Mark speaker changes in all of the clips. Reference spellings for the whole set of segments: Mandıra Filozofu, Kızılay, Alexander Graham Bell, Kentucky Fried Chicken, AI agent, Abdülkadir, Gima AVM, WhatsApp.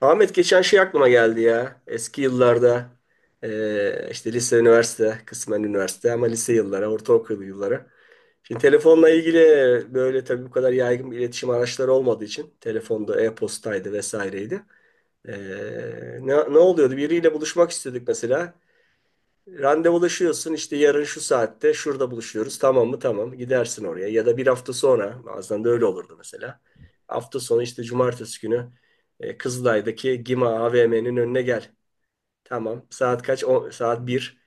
Speaker 1: Ahmet geçen şey aklıma geldi ya. Eski yıllarda işte lise, üniversite, kısmen üniversite ama lise yılları, ortaokul yılları. Şimdi telefonla ilgili böyle tabii bu kadar yaygın bir iletişim araçları olmadığı için telefonda e-postaydı vesaireydi. Eee, ne oluyordu? Biriyle buluşmak istedik mesela. Randevulaşıyorsun işte yarın şu saatte şurada buluşuyoruz, tamam mı? Tamam, gidersin oraya ya da bir hafta sonra, bazen de öyle olurdu mesela. Hafta sonu işte cumartesi günü Kızılay'daki Gima AVM'nin önüne gel. Tamam, saat kaç? O, saat bir.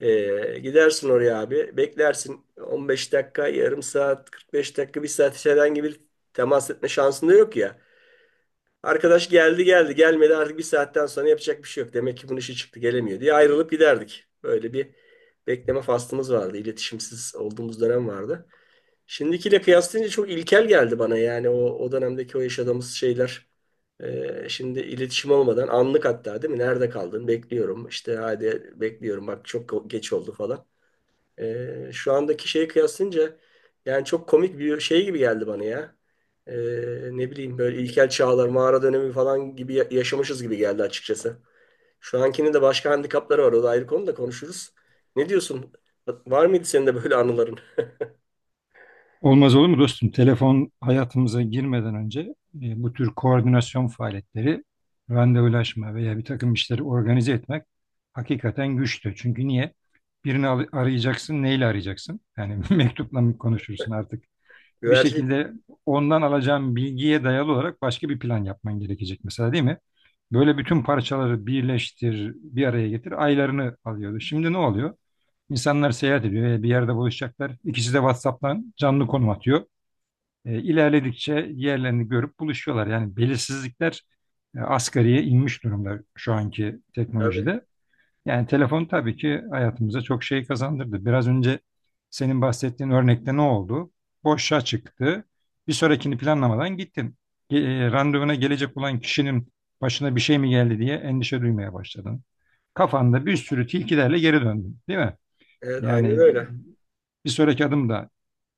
Speaker 1: Gidersin oraya abi, beklersin 15 dakika, yarım saat, 45 dakika, bir saat, içeriden gibi temas etme şansın da yok ya. Arkadaş geldi geldi gelmedi, artık bir saatten sonra yapacak bir şey yok. Demek ki bunun işi çıktı, gelemiyor diye ayrılıp giderdik. Böyle bir bekleme faslımız vardı. İletişimsiz olduğumuz dönem vardı. Şimdikiyle kıyaslayınca çok ilkel geldi bana yani o dönemdeki o yaşadığımız şeyler. Şimdi iletişim olmadan anlık hatta değil mi? Nerede kaldın? Bekliyorum. İşte hadi bekliyorum. Bak çok geç oldu falan. Şu andaki şeye kıyaslayınca yani çok komik bir şey gibi geldi bana ya. Ee, Ne bileyim böyle ilkel çağlar, mağara dönemi falan gibi yaşamışız gibi geldi açıkçası. Şu ankinin de başka handikapları var. O da ayrı konu, da konuşuruz. Ne diyorsun? Var mıydı senin de böyle anıların?
Speaker 2: Olmaz olur mu dostum? Telefon hayatımıza girmeden önce bu tür koordinasyon faaliyetleri, randevulaşma veya bir takım işleri organize etmek hakikaten güçtü. Çünkü niye? Arayacaksın, neyle arayacaksın? Yani mektupla mı konuşursun artık? Bir
Speaker 1: Güvercin
Speaker 2: şekilde ondan alacağın bilgiye dayalı olarak başka bir plan yapman gerekecek mesela değil mi? Böyle bütün parçaları birleştir, bir araya getir, aylarını alıyordu. Şimdi ne oluyor? İnsanlar seyahat ediyor, veya bir yerde buluşacaklar. İkisi de WhatsApp'tan canlı konum atıyor. E, ilerledikçe yerlerini görüp buluşuyorlar. Yani belirsizlikler asgariye inmiş durumda şu anki
Speaker 1: abi.
Speaker 2: teknolojide. Yani telefon tabii ki hayatımıza çok şey kazandırdı. Biraz önce senin bahsettiğin örnekte ne oldu? Boşa çıktı. Bir sonrakini planlamadan gittin. Randevuna gelecek olan kişinin başına bir şey mi geldi diye endişe duymaya başladın. Kafanda bir sürü tilkilerle geri döndün, değil mi?
Speaker 1: Evet, aynen
Speaker 2: Yani
Speaker 1: öyle.
Speaker 2: bir sonraki adım da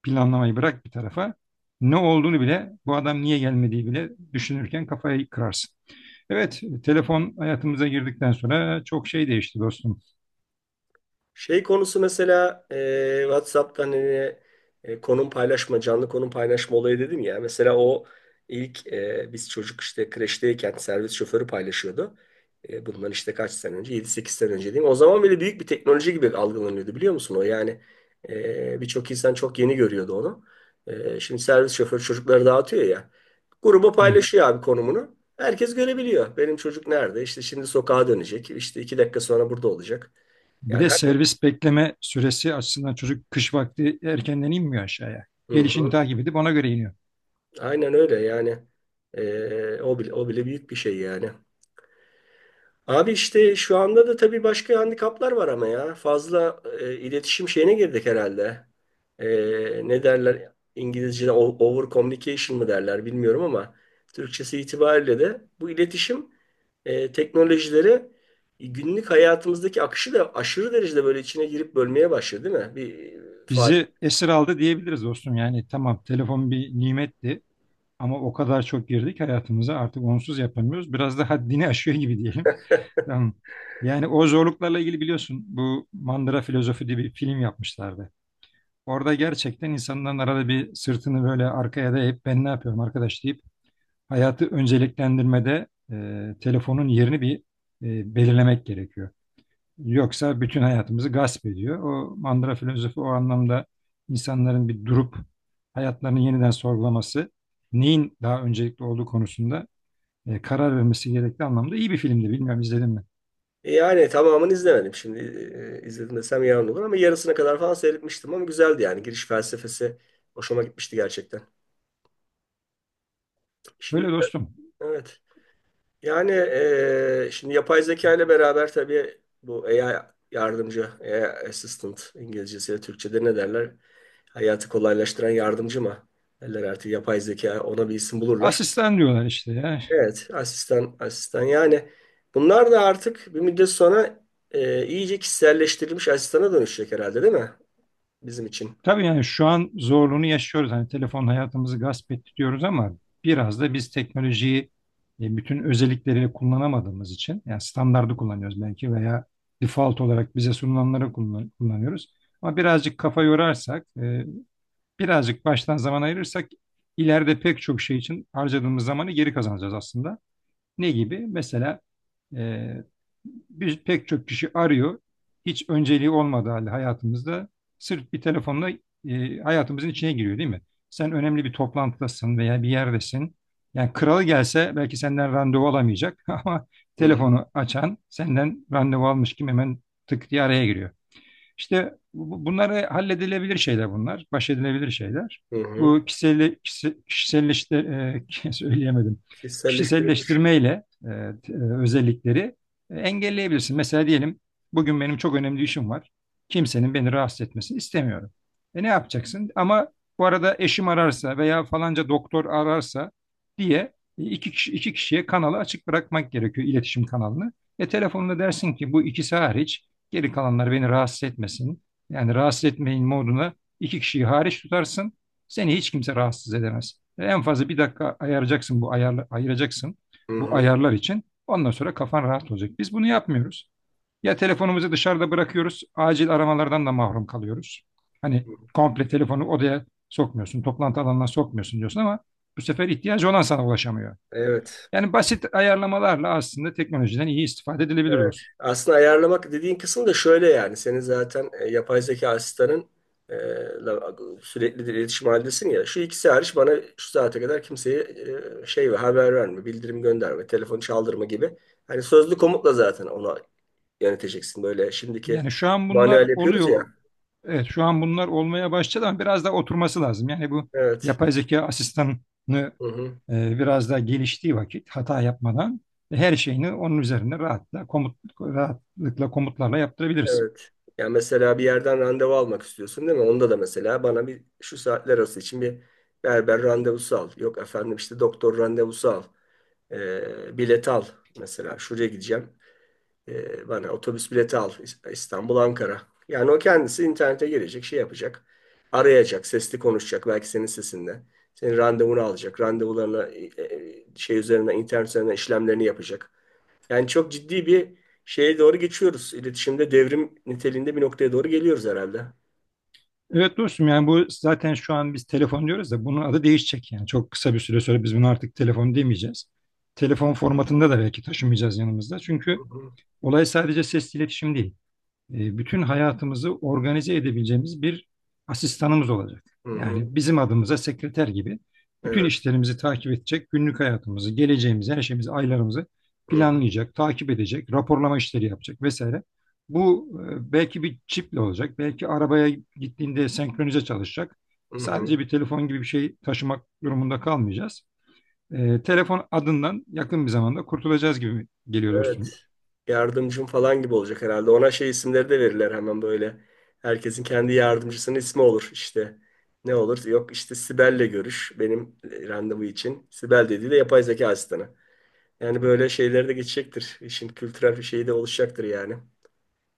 Speaker 2: planlamayı bırak bir tarafa. Ne olduğunu bile, bu adam niye gelmediği bile düşünürken kafayı kırarsın. Evet, telefon hayatımıza girdikten sonra çok şey değişti dostum.
Speaker 1: Şey konusu mesela WhatsApp'tan hani, konum paylaşma, canlı konum paylaşma olayı dedim ya. Mesela o ilk biz çocuk işte kreşteyken servis şoförü paylaşıyordu. Bundan işte kaç sene önce? 7 8 sene önce diyeyim. O zaman bile büyük bir teknoloji gibi algılanıyordu, biliyor musun o? Yani birçok insan çok yeni görüyordu onu. Şimdi servis şoförü çocukları dağıtıyor ya. Gruba
Speaker 2: Evet.
Speaker 1: paylaşıyor abi konumunu. Herkes görebiliyor. Benim çocuk nerede? İşte şimdi sokağa dönecek. İşte 2 dakika sonra burada olacak.
Speaker 2: Bir
Speaker 1: Yani.
Speaker 2: de servis bekleme süresi açısından çocuk kış vakti erkenden inmiyor aşağıya.
Speaker 1: Hı
Speaker 2: Gelişini
Speaker 1: hı.
Speaker 2: takip edip ona göre iniyor.
Speaker 1: Aynen öyle yani. O bile, o bile büyük bir şey yani. Abi işte şu anda da tabii başka handikaplar var ama ya. Fazla iletişim şeyine girdik herhalde. Ee, Ne derler İngilizce'de over communication mı derler bilmiyorum ama Türkçesi itibariyle de bu iletişim teknolojileri günlük hayatımızdaki akışı da aşırı derecede böyle içine girip bölmeye başladı değil mi? Fa-
Speaker 2: Bizi esir aldı diyebiliriz dostum. Yani tamam, telefon bir nimetti ama o kadar çok girdik hayatımıza artık onsuz yapamıyoruz. Biraz da haddini aşıyor gibi diyelim. Tamam. Yani o zorluklarla ilgili biliyorsun, bu Mandıra Filozofu diye bir film yapmışlardı. Orada gerçekten insanların arada bir sırtını böyle arkaya dayayıp ben ne yapıyorum arkadaş deyip hayatı önceliklendirmede telefonun yerini bir belirlemek gerekiyor. Yoksa bütün hayatımızı gasp ediyor. O Mandıra Filozofu o anlamda insanların bir durup hayatlarını yeniden sorgulaması, neyin daha öncelikli olduğu konusunda karar vermesi gerektiği anlamda iyi bir filmdi. Bilmiyorum, izledin mi?
Speaker 1: Yani tamamını izlemedim. Şimdi izledim desem yalan olur ama yarısına kadar falan seyretmiştim, ama güzeldi yani. Giriş felsefesi hoşuma gitmişti gerçekten.
Speaker 2: Böyle
Speaker 1: Şimdi
Speaker 2: dostum.
Speaker 1: evet. Yani şimdi yapay zeka ile beraber tabii bu AI yardımcı, AI assistant İngilizcesiyle Türkçe'de ne derler? Hayatı kolaylaştıran yardımcı mı? Derler, artık yapay zeka ona bir isim bulurlar.
Speaker 2: Asistan diyorlar işte ya.
Speaker 1: Evet, asistan, asistan yani. Bunlar da artık bir müddet sonra iyice kişiselleştirilmiş asistana dönüşecek herhalde değil mi? Bizim için.
Speaker 2: Tabii yani şu an zorluğunu yaşıyoruz. Hani telefon hayatımızı gasp etti diyoruz ama biraz da biz teknolojiyi bütün özellikleriyle kullanamadığımız için, yani standardı kullanıyoruz belki veya default olarak bize sunulanları kullanıyoruz. Ama birazcık kafa yorarsak, birazcık baştan zaman ayırırsak ileride pek çok şey için harcadığımız zamanı geri kazanacağız aslında. Ne gibi? Mesela e, biz pek çok kişi arıyor. Hiç önceliği olmadığı halde hayatımızda sırf bir telefonla hayatımızın içine giriyor değil mi? Sen önemli bir toplantıdasın veya bir yerdesin. Yani kralı gelse belki senden randevu alamayacak ama
Speaker 1: Hı hı.
Speaker 2: telefonu açan senden randevu almış kim, hemen tık diye araya giriyor. İşte bunları halledilebilir şeyler bunlar. Baş edilebilir şeyler.
Speaker 1: Hı hı.
Speaker 2: Bu kişisel, kişiselleştir, söyleyemedim.
Speaker 1: Kişiselleştirilmiş.
Speaker 2: Kişiselleştirmeyle özellikleri engelleyebilirsin. Mesela diyelim bugün benim çok önemli işim var. Kimsenin beni rahatsız etmesini istemiyorum. E ne yapacaksın? Ama bu arada eşim ararsa veya falanca doktor ararsa diye iki kişiye kanalı açık bırakmak gerekiyor, iletişim kanalını. E telefonla dersin ki bu ikisi hariç geri kalanlar beni rahatsız etmesin. Yani rahatsız etmeyin moduna iki kişiyi hariç tutarsın. Seni hiç kimse rahatsız edemez. Ve en fazla bir dakika ayıracaksın bu ayıracaksın
Speaker 1: Hı
Speaker 2: bu
Speaker 1: hı.
Speaker 2: ayarlar için. Ondan sonra kafan rahat olacak. Biz bunu yapmıyoruz. Ya telefonumuzu dışarıda bırakıyoruz, acil aramalardan da mahrum kalıyoruz. Hani
Speaker 1: Hı.
Speaker 2: komple telefonu odaya sokmuyorsun, toplantı alanına sokmuyorsun diyorsun ama bu sefer ihtiyacı olan sana ulaşamıyor.
Speaker 1: Evet.
Speaker 2: Yani basit ayarlamalarla aslında teknolojiden iyi istifade edilebilir
Speaker 1: Evet.
Speaker 2: dostum.
Speaker 1: Aslında ayarlamak dediğin kısım da şöyle yani. Senin zaten yapay zeka asistanın, e, la- sürekli de iletişim halindesin ya. Şu ikisi hariç bana şu saate kadar kimseye şey ve haber verme, bildirim gönderme, telefon çaldırma gibi. Hani sözlü komutla zaten onu yöneteceksin. Böyle şimdiki
Speaker 2: Yani şu an bunlar
Speaker 1: manuel yapıyoruz ya.
Speaker 2: oluyor. Evet, şu an bunlar olmaya başladı ama biraz daha oturması lazım. Yani bu
Speaker 1: Evet.
Speaker 2: yapay zeka asistanını
Speaker 1: Hı hı.
Speaker 2: biraz daha geliştiği vakit hata yapmadan her şeyini onun üzerine rahatla komut rahatlıkla komutlarla yaptırabiliriz.
Speaker 1: Evet. Yani mesela bir yerden randevu almak istiyorsun değil mi? Onda da mesela bana bir şu saatler arası için bir berber randevusu al. Yok efendim işte doktor randevusu al. Bilet al mesela. Şuraya gideceğim. Bana otobüs bileti al. İstanbul, Ankara. Yani o kendisi internete girecek, şey yapacak. Arayacak, sesli konuşacak belki senin sesinde. Senin randevunu alacak. Randevularına şey üzerine, internet üzerinden işlemlerini yapacak. Yani çok ciddi bir şeye doğru geçiyoruz. İletişimde devrim niteliğinde bir noktaya doğru geliyoruz herhalde.
Speaker 2: Evet dostum, yani bu zaten şu an biz telefon diyoruz da bunun adı değişecek. Yani çok kısa bir süre sonra biz bunu artık telefon demeyeceğiz. Telefon formatında da belki taşımayacağız yanımızda.
Speaker 1: Hı
Speaker 2: Çünkü
Speaker 1: hı.
Speaker 2: olay sadece sesli iletişim değil. Bütün hayatımızı organize edebileceğimiz bir asistanımız olacak.
Speaker 1: Hı hı.
Speaker 2: Yani bizim adımıza sekreter gibi bütün
Speaker 1: Evet.
Speaker 2: işlerimizi takip edecek, günlük hayatımızı, geleceğimizi, her şeyimizi, aylarımızı
Speaker 1: Hı hı.
Speaker 2: planlayacak, takip edecek, raporlama işleri yapacak vesaire. Bu belki bir çiple olacak, belki arabaya gittiğinde senkronize çalışacak.
Speaker 1: Hı hı.
Speaker 2: Sadece bir telefon gibi bir şey taşımak durumunda kalmayacağız. E, telefon adından yakın bir zamanda kurtulacağız gibi geliyor dostum.
Speaker 1: Evet. Yardımcım falan gibi olacak herhalde. Ona şey isimleri de verirler hemen böyle. Herkesin kendi yardımcısının ismi olur işte. Ne olur? Yok işte Sibel'le görüş benim randevu için. Sibel dediği de yapay zeka asistanı. Yani böyle şeyler de geçecektir. İşin kültürel bir şeyi de oluşacaktır yani.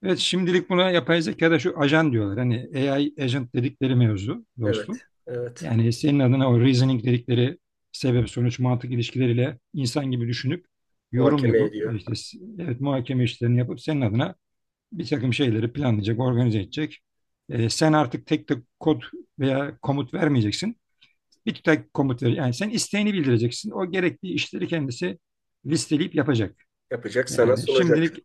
Speaker 2: Evet, şimdilik buna yapay zekada şu ajan diyorlar. Hani AI agent dedikleri mevzu dostum.
Speaker 1: Evet. Evet.
Speaker 2: Yani senin adına o reasoning dedikleri sebep sonuç mantık ilişkileriyle insan gibi düşünüp yorum
Speaker 1: Muhakeme
Speaker 2: yapıp
Speaker 1: ediyor.
Speaker 2: işte evet, muhakeme işlerini yapıp senin adına bir takım şeyleri planlayacak, organize edecek. Sen artık tek tek kod veya komut vermeyeceksin. Bir tek komut ver. Yani sen isteğini bildireceksin. O gerekli işleri kendisi listeleyip yapacak.
Speaker 1: Yapacak, sana
Speaker 2: Şimdilik.
Speaker 1: sunacak.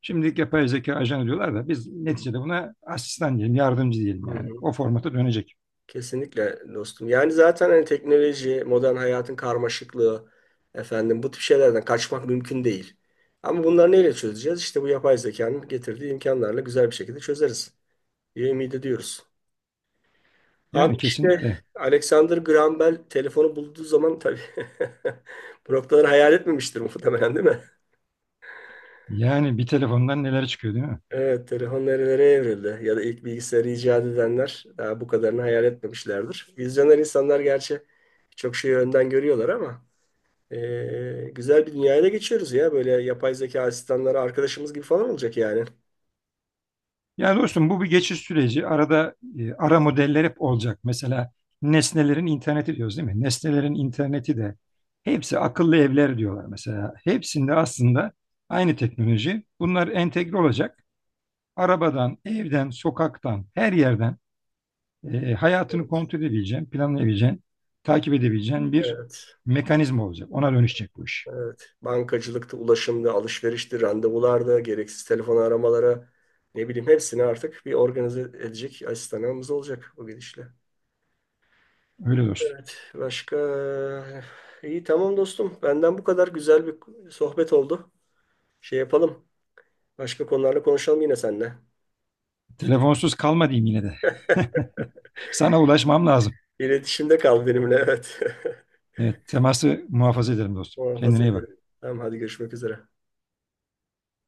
Speaker 2: Şimdilik yapay zeka ajanı diyorlar da biz
Speaker 1: Hı
Speaker 2: neticede buna asistan diyelim, yardımcı diyelim
Speaker 1: hı.
Speaker 2: yani.
Speaker 1: Hı.
Speaker 2: O formata dönecek.
Speaker 1: Kesinlikle dostum. Yani zaten hani teknoloji, modern hayatın karmaşıklığı, efendim bu tip şeylerden kaçmak mümkün değil. Ama bunları neyle çözeceğiz? İşte bu yapay zekanın getirdiği imkanlarla güzel bir şekilde çözeriz diye ümit ediyoruz.
Speaker 2: Yani
Speaker 1: Abi işte
Speaker 2: kesinlikle.
Speaker 1: Alexander Graham Bell telefonu bulduğu zaman tabii bu noktaları hayal etmemiştir muhtemelen değil mi?
Speaker 2: Yani bir telefondan neler çıkıyor değil mi?
Speaker 1: Evet, telefon nerelere evrildi ya da ilk bilgisayarı icat edenler daha bu kadarını hayal etmemişlerdir. Vizyoner insanlar gerçi çok şeyi önden görüyorlar ama güzel bir dünyaya da geçiyoruz ya. Böyle yapay zeka asistanları arkadaşımız gibi falan olacak yani.
Speaker 2: Yani dostum, bu bir geçiş süreci. Arada ara modeller hep olacak. Mesela nesnelerin interneti diyoruz değil mi? Nesnelerin interneti de hepsi akıllı evler diyorlar mesela. Hepsinde aslında aynı teknoloji. Bunlar entegre olacak. Arabadan, evden, sokaktan, her yerden hayatını
Speaker 1: Evet,
Speaker 2: kontrol edebileceğin, planlayabileceğin, takip edebileceğin bir
Speaker 1: evet,
Speaker 2: mekanizma olacak. Ona dönüşecek bu iş.
Speaker 1: evet. Bankacılıkta, ulaşımda, alışverişti, randevularda, gereksiz telefon aramalara ne bileyim hepsini artık bir organize edecek asistanımız olacak o gidişle.
Speaker 2: Öyle dostum.
Speaker 1: Evet. Başka iyi tamam dostum. Benden bu kadar, güzel bir sohbet oldu. Şey yapalım. Başka konularla konuşalım yine seninle.
Speaker 2: Telefonsuz kalma diyeyim yine de. Sana ulaşmam lazım.
Speaker 1: İletişimde kal benimle. Evet.
Speaker 2: Evet, teması muhafaza ederim dostum. Kendine
Speaker 1: Muhafaza
Speaker 2: iyi
Speaker 1: ederim.
Speaker 2: bak.
Speaker 1: Tamam hadi, görüşmek üzere.